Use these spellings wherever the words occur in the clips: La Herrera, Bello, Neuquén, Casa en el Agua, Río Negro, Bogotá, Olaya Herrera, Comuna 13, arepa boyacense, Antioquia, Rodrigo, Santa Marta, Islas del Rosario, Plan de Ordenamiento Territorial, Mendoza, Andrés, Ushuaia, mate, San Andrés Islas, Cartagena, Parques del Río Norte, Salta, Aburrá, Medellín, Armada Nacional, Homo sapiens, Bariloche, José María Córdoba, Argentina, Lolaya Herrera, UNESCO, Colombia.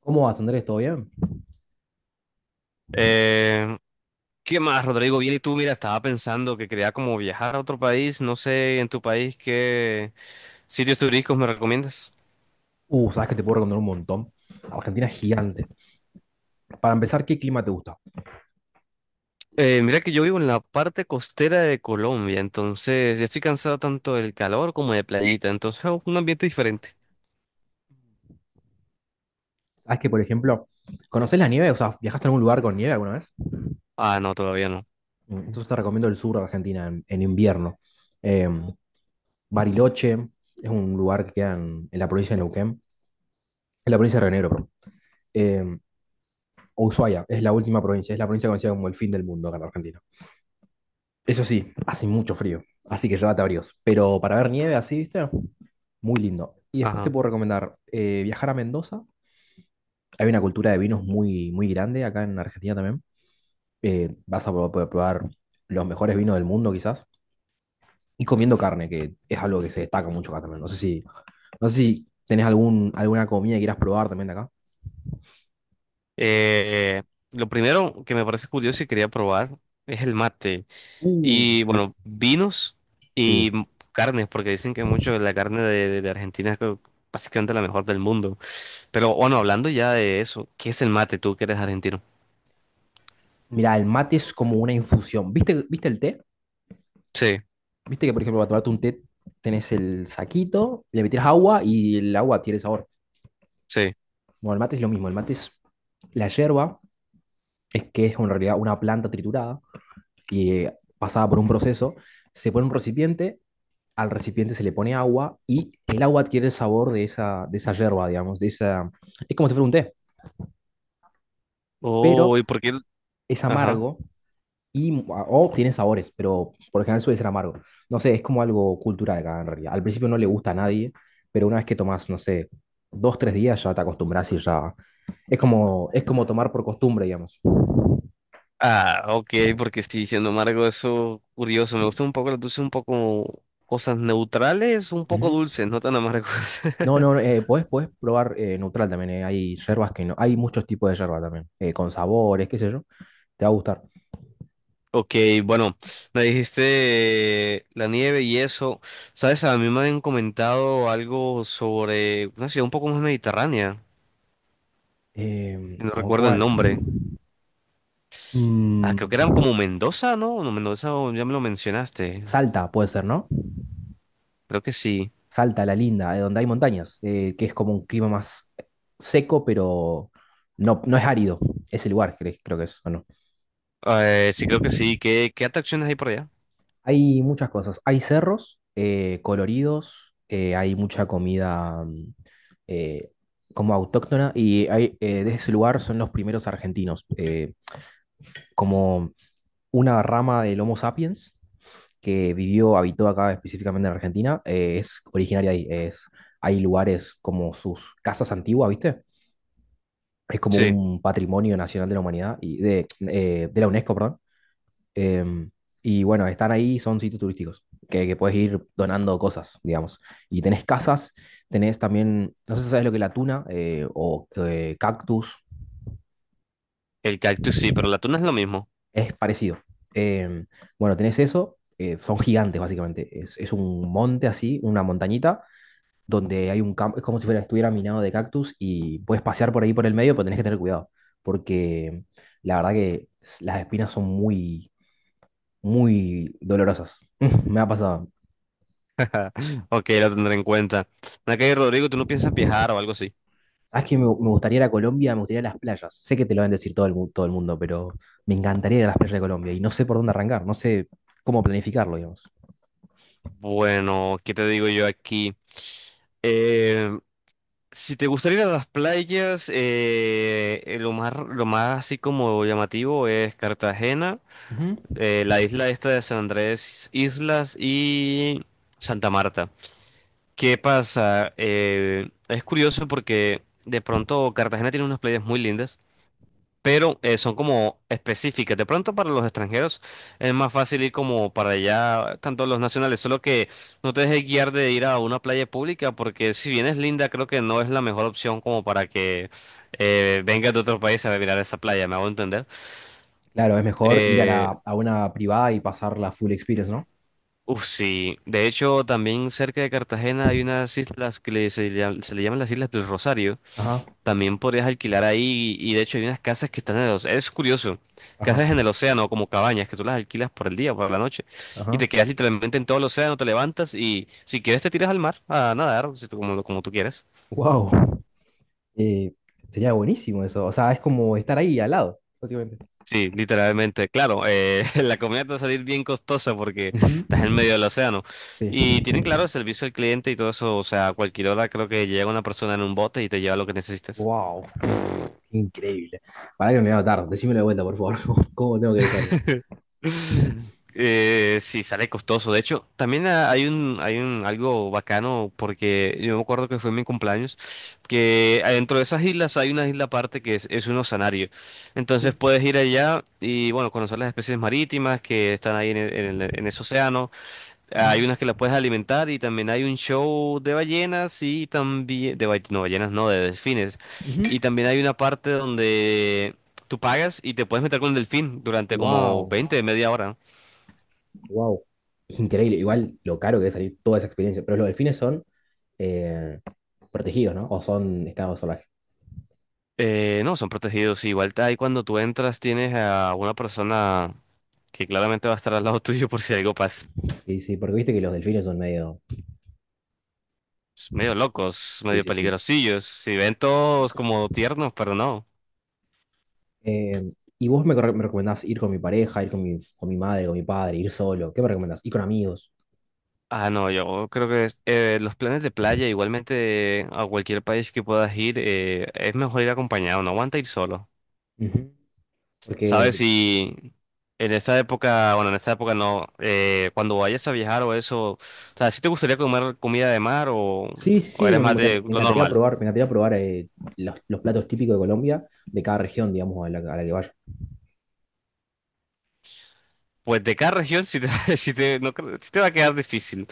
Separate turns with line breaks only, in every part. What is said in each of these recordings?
¿Cómo vas, Andrés? ¿Todo bien?
Eh, ¿Qué más, Rodrigo? Bien, ¿y tú? Mira, estaba pensando que quería como viajar a otro país, no sé, en tu país, ¿qué sitios turísticos me recomiendas?
Sabes que te puedo recomendar un montón. Argentina es gigante. Para empezar, ¿qué clima te gusta?
Mira que yo vivo en la parte costera de Colombia, entonces ya estoy cansado tanto del calor como de playita, entonces oh, un ambiente diferente.
Sabes que, por ejemplo, ¿conoces la nieve? O sea, ¿viajaste a algún lugar con nieve alguna vez?
Ah, no, todavía no.
Entonces te recomiendo el sur de Argentina en invierno. Eh, Bariloche es un lugar que queda en la provincia de Neuquén, en la provincia de Río Negro, perdón. Eh, Ushuaia es la última provincia, es la provincia conocida como el fin del mundo acá en la Argentina. Eso sí, hace mucho frío, así que llévate abrigos. Pero para ver nieve así, ¿viste? Muy lindo. Y después te
Ajá.
puedo recomendar viajar a Mendoza. Hay una cultura de vinos muy, muy grande acá en Argentina también. Vas a poder probar los mejores vinos del mundo quizás. Y comiendo carne, que es algo que se destaca mucho acá también. No sé si tenés alguna comida que quieras probar también de acá.
Eh, lo primero que me parece curioso y quería probar es el mate. Y
Sí,
bueno, vinos y
sí.
carnes, porque dicen que mucho de la carne de Argentina es básicamente la mejor del mundo. Pero bueno, hablando ya de eso, ¿qué es el mate, tú que eres argentino?
Mira, el mate es como una infusión. Viste el té?
Sí,
¿Viste que, por ejemplo, para tomarte un té tenés el saquito, le metés agua y el agua tiene sabor?
sí.
Bueno, el mate es lo mismo. El mate es la yerba, es que es en realidad una planta triturada y pasada por un proceso, se pone un recipiente, al recipiente se le pone agua y el agua adquiere el sabor de de esa yerba, digamos, de esa... Es como si fuera un té, pero
Oh, ¿y por qué?
es
Ajá.
amargo y o tiene sabores, pero por lo general suele ser amargo. No sé, es como algo cultural acá en realidad. Al principio no le gusta a nadie, pero una vez que tomas, no sé, dos, tres días ya te acostumbras y ya... es como tomar por costumbre, digamos.
Ah, ok, porque sí, siendo embargo, eso curioso. Me gusta un poco las dulces, un poco cosas neutrales, un poco
Ujú.
dulces, no tan amargos.
No, no, no, eh, podés, podés probar neutral también. Hay yerbas que no. Hay muchos tipos de yerba también, con sabores, qué sé yo. Te va a gustar.
Ok, bueno, me dijiste la nieve y eso. Sabes, a mí me han comentado algo sobre una ciudad un poco más mediterránea.
Em,
No
¿cómo
recuerdo el
cuál?
nombre. Ah,
Mm.
creo que era como Mendoza, ¿no? No, Mendoza, o ya me lo mencionaste.
Salta puede ser, ¿no?
Creo que sí.
Salta, la linda, donde hay montañas, que es como un clima más seco, pero no es árido. Ese lugar, creo que es, ¿o no?
Sí, creo que sí. ¿Qué, qué atracciones hay por allá?
Hay muchas cosas. Hay cerros coloridos, hay mucha comida eh, como autóctona y hay, de ese lugar son los primeros argentinos, como una rama del Homo sapiens que vivió, habitó acá específicamente en Argentina. Eh, es originaria de ahí. Es, hay lugares como sus casas antiguas, ¿viste? Es como
Sí,
un patrimonio nacional de la humanidad y de la UNESCO, perdón. Em, y bueno, están ahí, son sitios turísticos, que puedes ir donando cosas, digamos. Y tenés casas, tenés también, no sé si sabes lo que es la tuna o cactus,
el cactus sí, pero la tuna es lo mismo.
es parecido. Em, bueno, tenés eso, son gigantes básicamente, es un monte así, una montañita, donde hay un campo, es como si fuera, estuviera minado de cactus y puedes pasear por ahí por el medio, pero tenés que tener cuidado, porque la verdad que las espinas son muy, muy dolorosas. Me ha pasado.
Ok, la tendré en cuenta. Nakay Rodrigo, ¿tú no piensas viajar o algo así?
¿Sabes que me gustaría ir a Colombia? Me gustaría ir a las playas. Sé que te lo van a decir todo el, todo el mundo, pero me encantaría ir a las playas de Colombia y no sé por dónde arrancar, no sé cómo planificarlo, digamos.
Bueno, ¿qué te digo yo aquí? Eh, Si te gustaría ir a las playas, lo más así como llamativo es Cartagena,
Ujú.
la isla esta de San Andrés Islas y Santa Marta. ¿Qué pasa? Es curioso porque de pronto Cartagena tiene unas playas muy lindas, pero son como específicas. De pronto para los extranjeros es más fácil ir como para allá, tanto los nacionales, solo que no te dejes guiar de ir a una playa pública, porque si bien es linda, creo que no es la mejor opción como para que vengas de otro país a mirar esa playa, me hago entender.
Claro, es mejor ir a,
Eh,
la, a una privada y pasar la full experience, ¿no?
sí, de hecho también cerca de Cartagena hay unas islas que se le llaman las Islas del Rosario.
Ajá,
También podrías alquilar ahí y de hecho hay unas casas que están en el océano. Es curioso,
ajá,
casas en el océano, como cabañas que tú las alquilas por el día, por la noche, y
ajá.
te quedas literalmente en todo el océano, te levantas y si quieres te tiras al mar a nadar, si tú- como, como tú quieres.
Wow, sería buenísimo eso. O sea, es como estar ahí al lado, básicamente.
Sí, literalmente, claro, la comida te va a salir bien costosa porque
Ujú.
estás en medio del océano.
Sí.
Y tienen claro el servicio al cliente y todo eso, o sea, a cualquier hora creo que llega una persona en un bote y te lleva lo que necesites.
Wow, increíble. Para que no me voy a notar, decímelo de vuelta, por favor. ¿Cómo tengo que buscarlo?
Sí, sale costoso. De hecho, también ah, hay un algo bacano porque yo me acuerdo que fue en mi cumpleaños, que adentro de esas islas hay una isla aparte que es un oceanario. Entonces puedes ir allá y bueno, conocer las especies marítimas que están ahí en ese océano. Hay unas que las puedes alimentar y también hay un show de ballenas y también no, ballenas no, de delfines. Y también hay una parte donde tú pagas y te puedes meter con el delfín durante como
Wow.
20, media hora.
Wow. Increíble. Igual lo caro que debe salir toda esa experiencia. Pero los delfines son eh, protegidos, ¿no? O son estado salvaje.
No, son protegidos. Igual ahí cuando tú entras tienes a una persona que claramente va a estar al lado tuyo por si algo pasa.
Sí, sí, porque viste que los delfines son medio.
Es medio locos,
Sí,
medio
sí, sí.
peligrosillos. Si ven todos como tiernos, pero no.
Eh, y vos me, me recomendás ir con mi pareja, ir con mi madre, con mi padre, ir solo. ¿Qué me recomendás? Ir con amigos.
Ah, no, yo creo que los planes de playa, igualmente a cualquier país que puedas ir, es mejor ir acompañado, no aguanta ir solo.
Ujú.
¿Sabes?
Porque.
Si en esta época, bueno, en esta época no, cuando vayas a viajar o eso, o sea, ¿si te gustaría comer comida de mar, o,
Sí, sí,
o
sí,
eres más
me
de lo normal?
me encantaría probar los platos típicos de Colombia, de cada región, digamos, a la que vaya.
Pues de cada región sí te, no creo- sí te va a quedar difícil.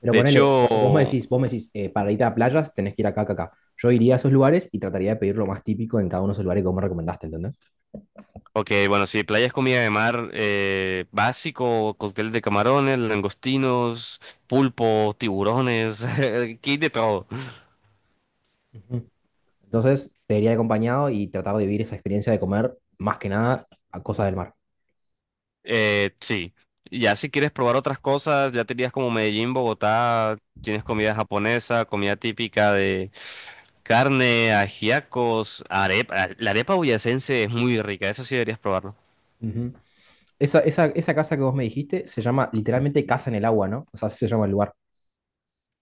Pero
De
ponele,
hecho,
vos me decís, para ir a playas tenés que ir acá, acá, acá. Yo iría a esos lugares y trataría de pedir lo más típico en cada uno de esos lugares que vos me recomendaste, ¿entendés?
ok, bueno, sí, playa es comida de mar, básico, cóctel de camarones, langostinos, pulpo, tiburones, aquí hay de todo.
Ujú. Entonces, te iría acompañado y tratar de vivir esa experiencia de comer, más que nada, a cosas del mar.
Sí, ya si quieres probar otras cosas, ya tenías como Medellín, Bogotá, tienes comida japonesa, comida típica de carne, ajiacos, arepa. La arepa boyacense es muy rica, eso sí deberías probarlo.
Ujú. Esa casa que vos me dijiste se llama literalmente Casa en el Agua, ¿no? O sea, así se llama el lugar.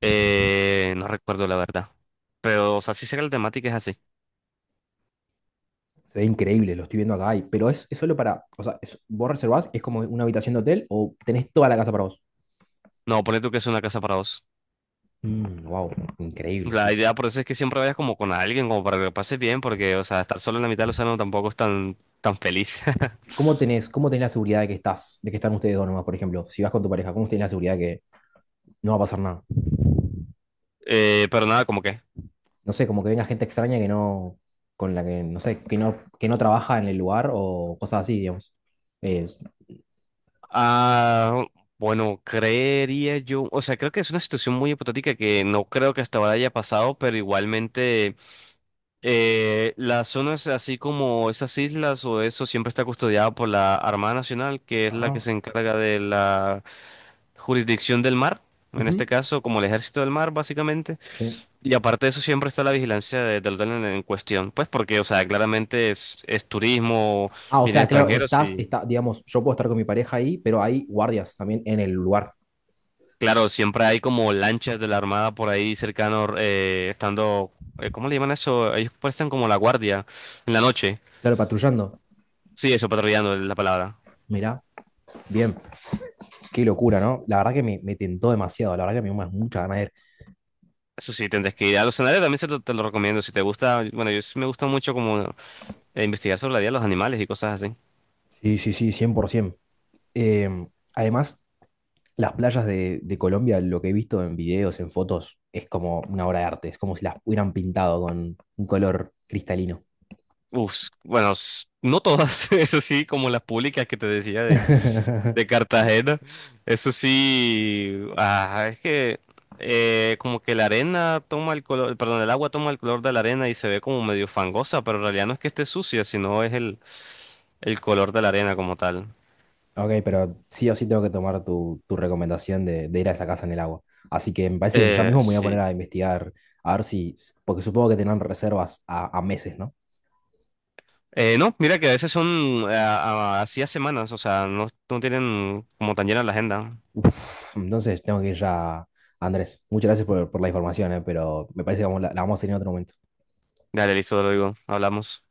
No recuerdo la verdad, pero o sea, sí sé que la temática es así.
Se ve increíble, lo estoy viendo acá, y- pero es solo para, o sea, es- vos reservás, es como una habitación de hotel o tenés toda la casa para vos.
No, ponle tú que es una casa para dos.
Wow, increíble.
La idea por eso es que siempre vayas como con alguien, como para que lo pases bien, porque, o sea, estar solo en la mitad del océano tampoco es tan, tan feliz.
¿Y ¿cómo tenés, cómo tenés la seguridad de que estás, de que están ustedes dos nomás, por ejemplo? Si vas con tu pareja, ¿cómo tenés la seguridad de que no va a pasar nada?
Pero nada, como que.
No sé, como que venga gente extraña que no, con la que, no sé, que no trabaja en el lugar o cosas así, digamos. Es-
Ah, bueno, creería yo. O sea, creo que es una situación muy hipotética que no creo que hasta ahora haya pasado, pero igualmente las zonas así como esas islas o eso siempre está custodiada por la Armada Nacional, que es la que
ajá,
se encarga de la jurisdicción del mar, en este
ujú,
caso como el ejército del mar, básicamente.
sí.
Y aparte de eso, siempre está la vigilancia del hotel en cuestión, pues porque, o sea, claramente es turismo,
Ah, o
vienen
sea, claro,
extranjeros y,
está, digamos, yo puedo estar con mi pareja ahí, pero hay guardias también en el lugar.
claro, siempre hay como lanchas de la Armada por ahí cercano, estando, ¿cómo le llaman eso? Ellos prestan como la guardia en la noche.
Claro, patrullando.
Sí, eso, patrullando es la palabra.
Mirá, bien, qué locura, ¿no? La verdad que me tentó demasiado, la verdad que me dio mucha ganas de ir.
Eso sí, tendrás que ir a los escenarios, también te lo recomiendo, si te gusta, bueno, yo sí me gusta mucho como investigar sobre la vida de los animales y cosas así.
Sí, sí, sí, 100%. Em, además, las playas de Colombia, lo que he visto en videos, en fotos, es como una obra de arte, es como si las hubieran pintado con un color cristalino.
Uf, bueno, no todas, eso sí, como las públicas que te decía de Cartagena. Eso sí, ah, es que como que la arena toma el color, perdón, el agua toma el color de la arena y se ve como medio fangosa, pero en realidad no es que esté sucia, sino es el color de la arena como tal.
Ok, pero sí o sí tengo que tomar tu, tu recomendación de ir a esa casa en el agua. Así que me parece que ya mismo me voy a poner
Sí.
a investigar, a ver si, porque supongo que tendrán reservas a meses, ¿no?
No, mira que a veces son así a semanas, o sea, no, no tienen como tan llena la agenda.
Uf, entonces tengo que ir ya, Andrés. Muchas gracias por la información, pero me parece que vamos, la vamos a tener en otro momento.
Dale, listo, te lo digo, hablamos.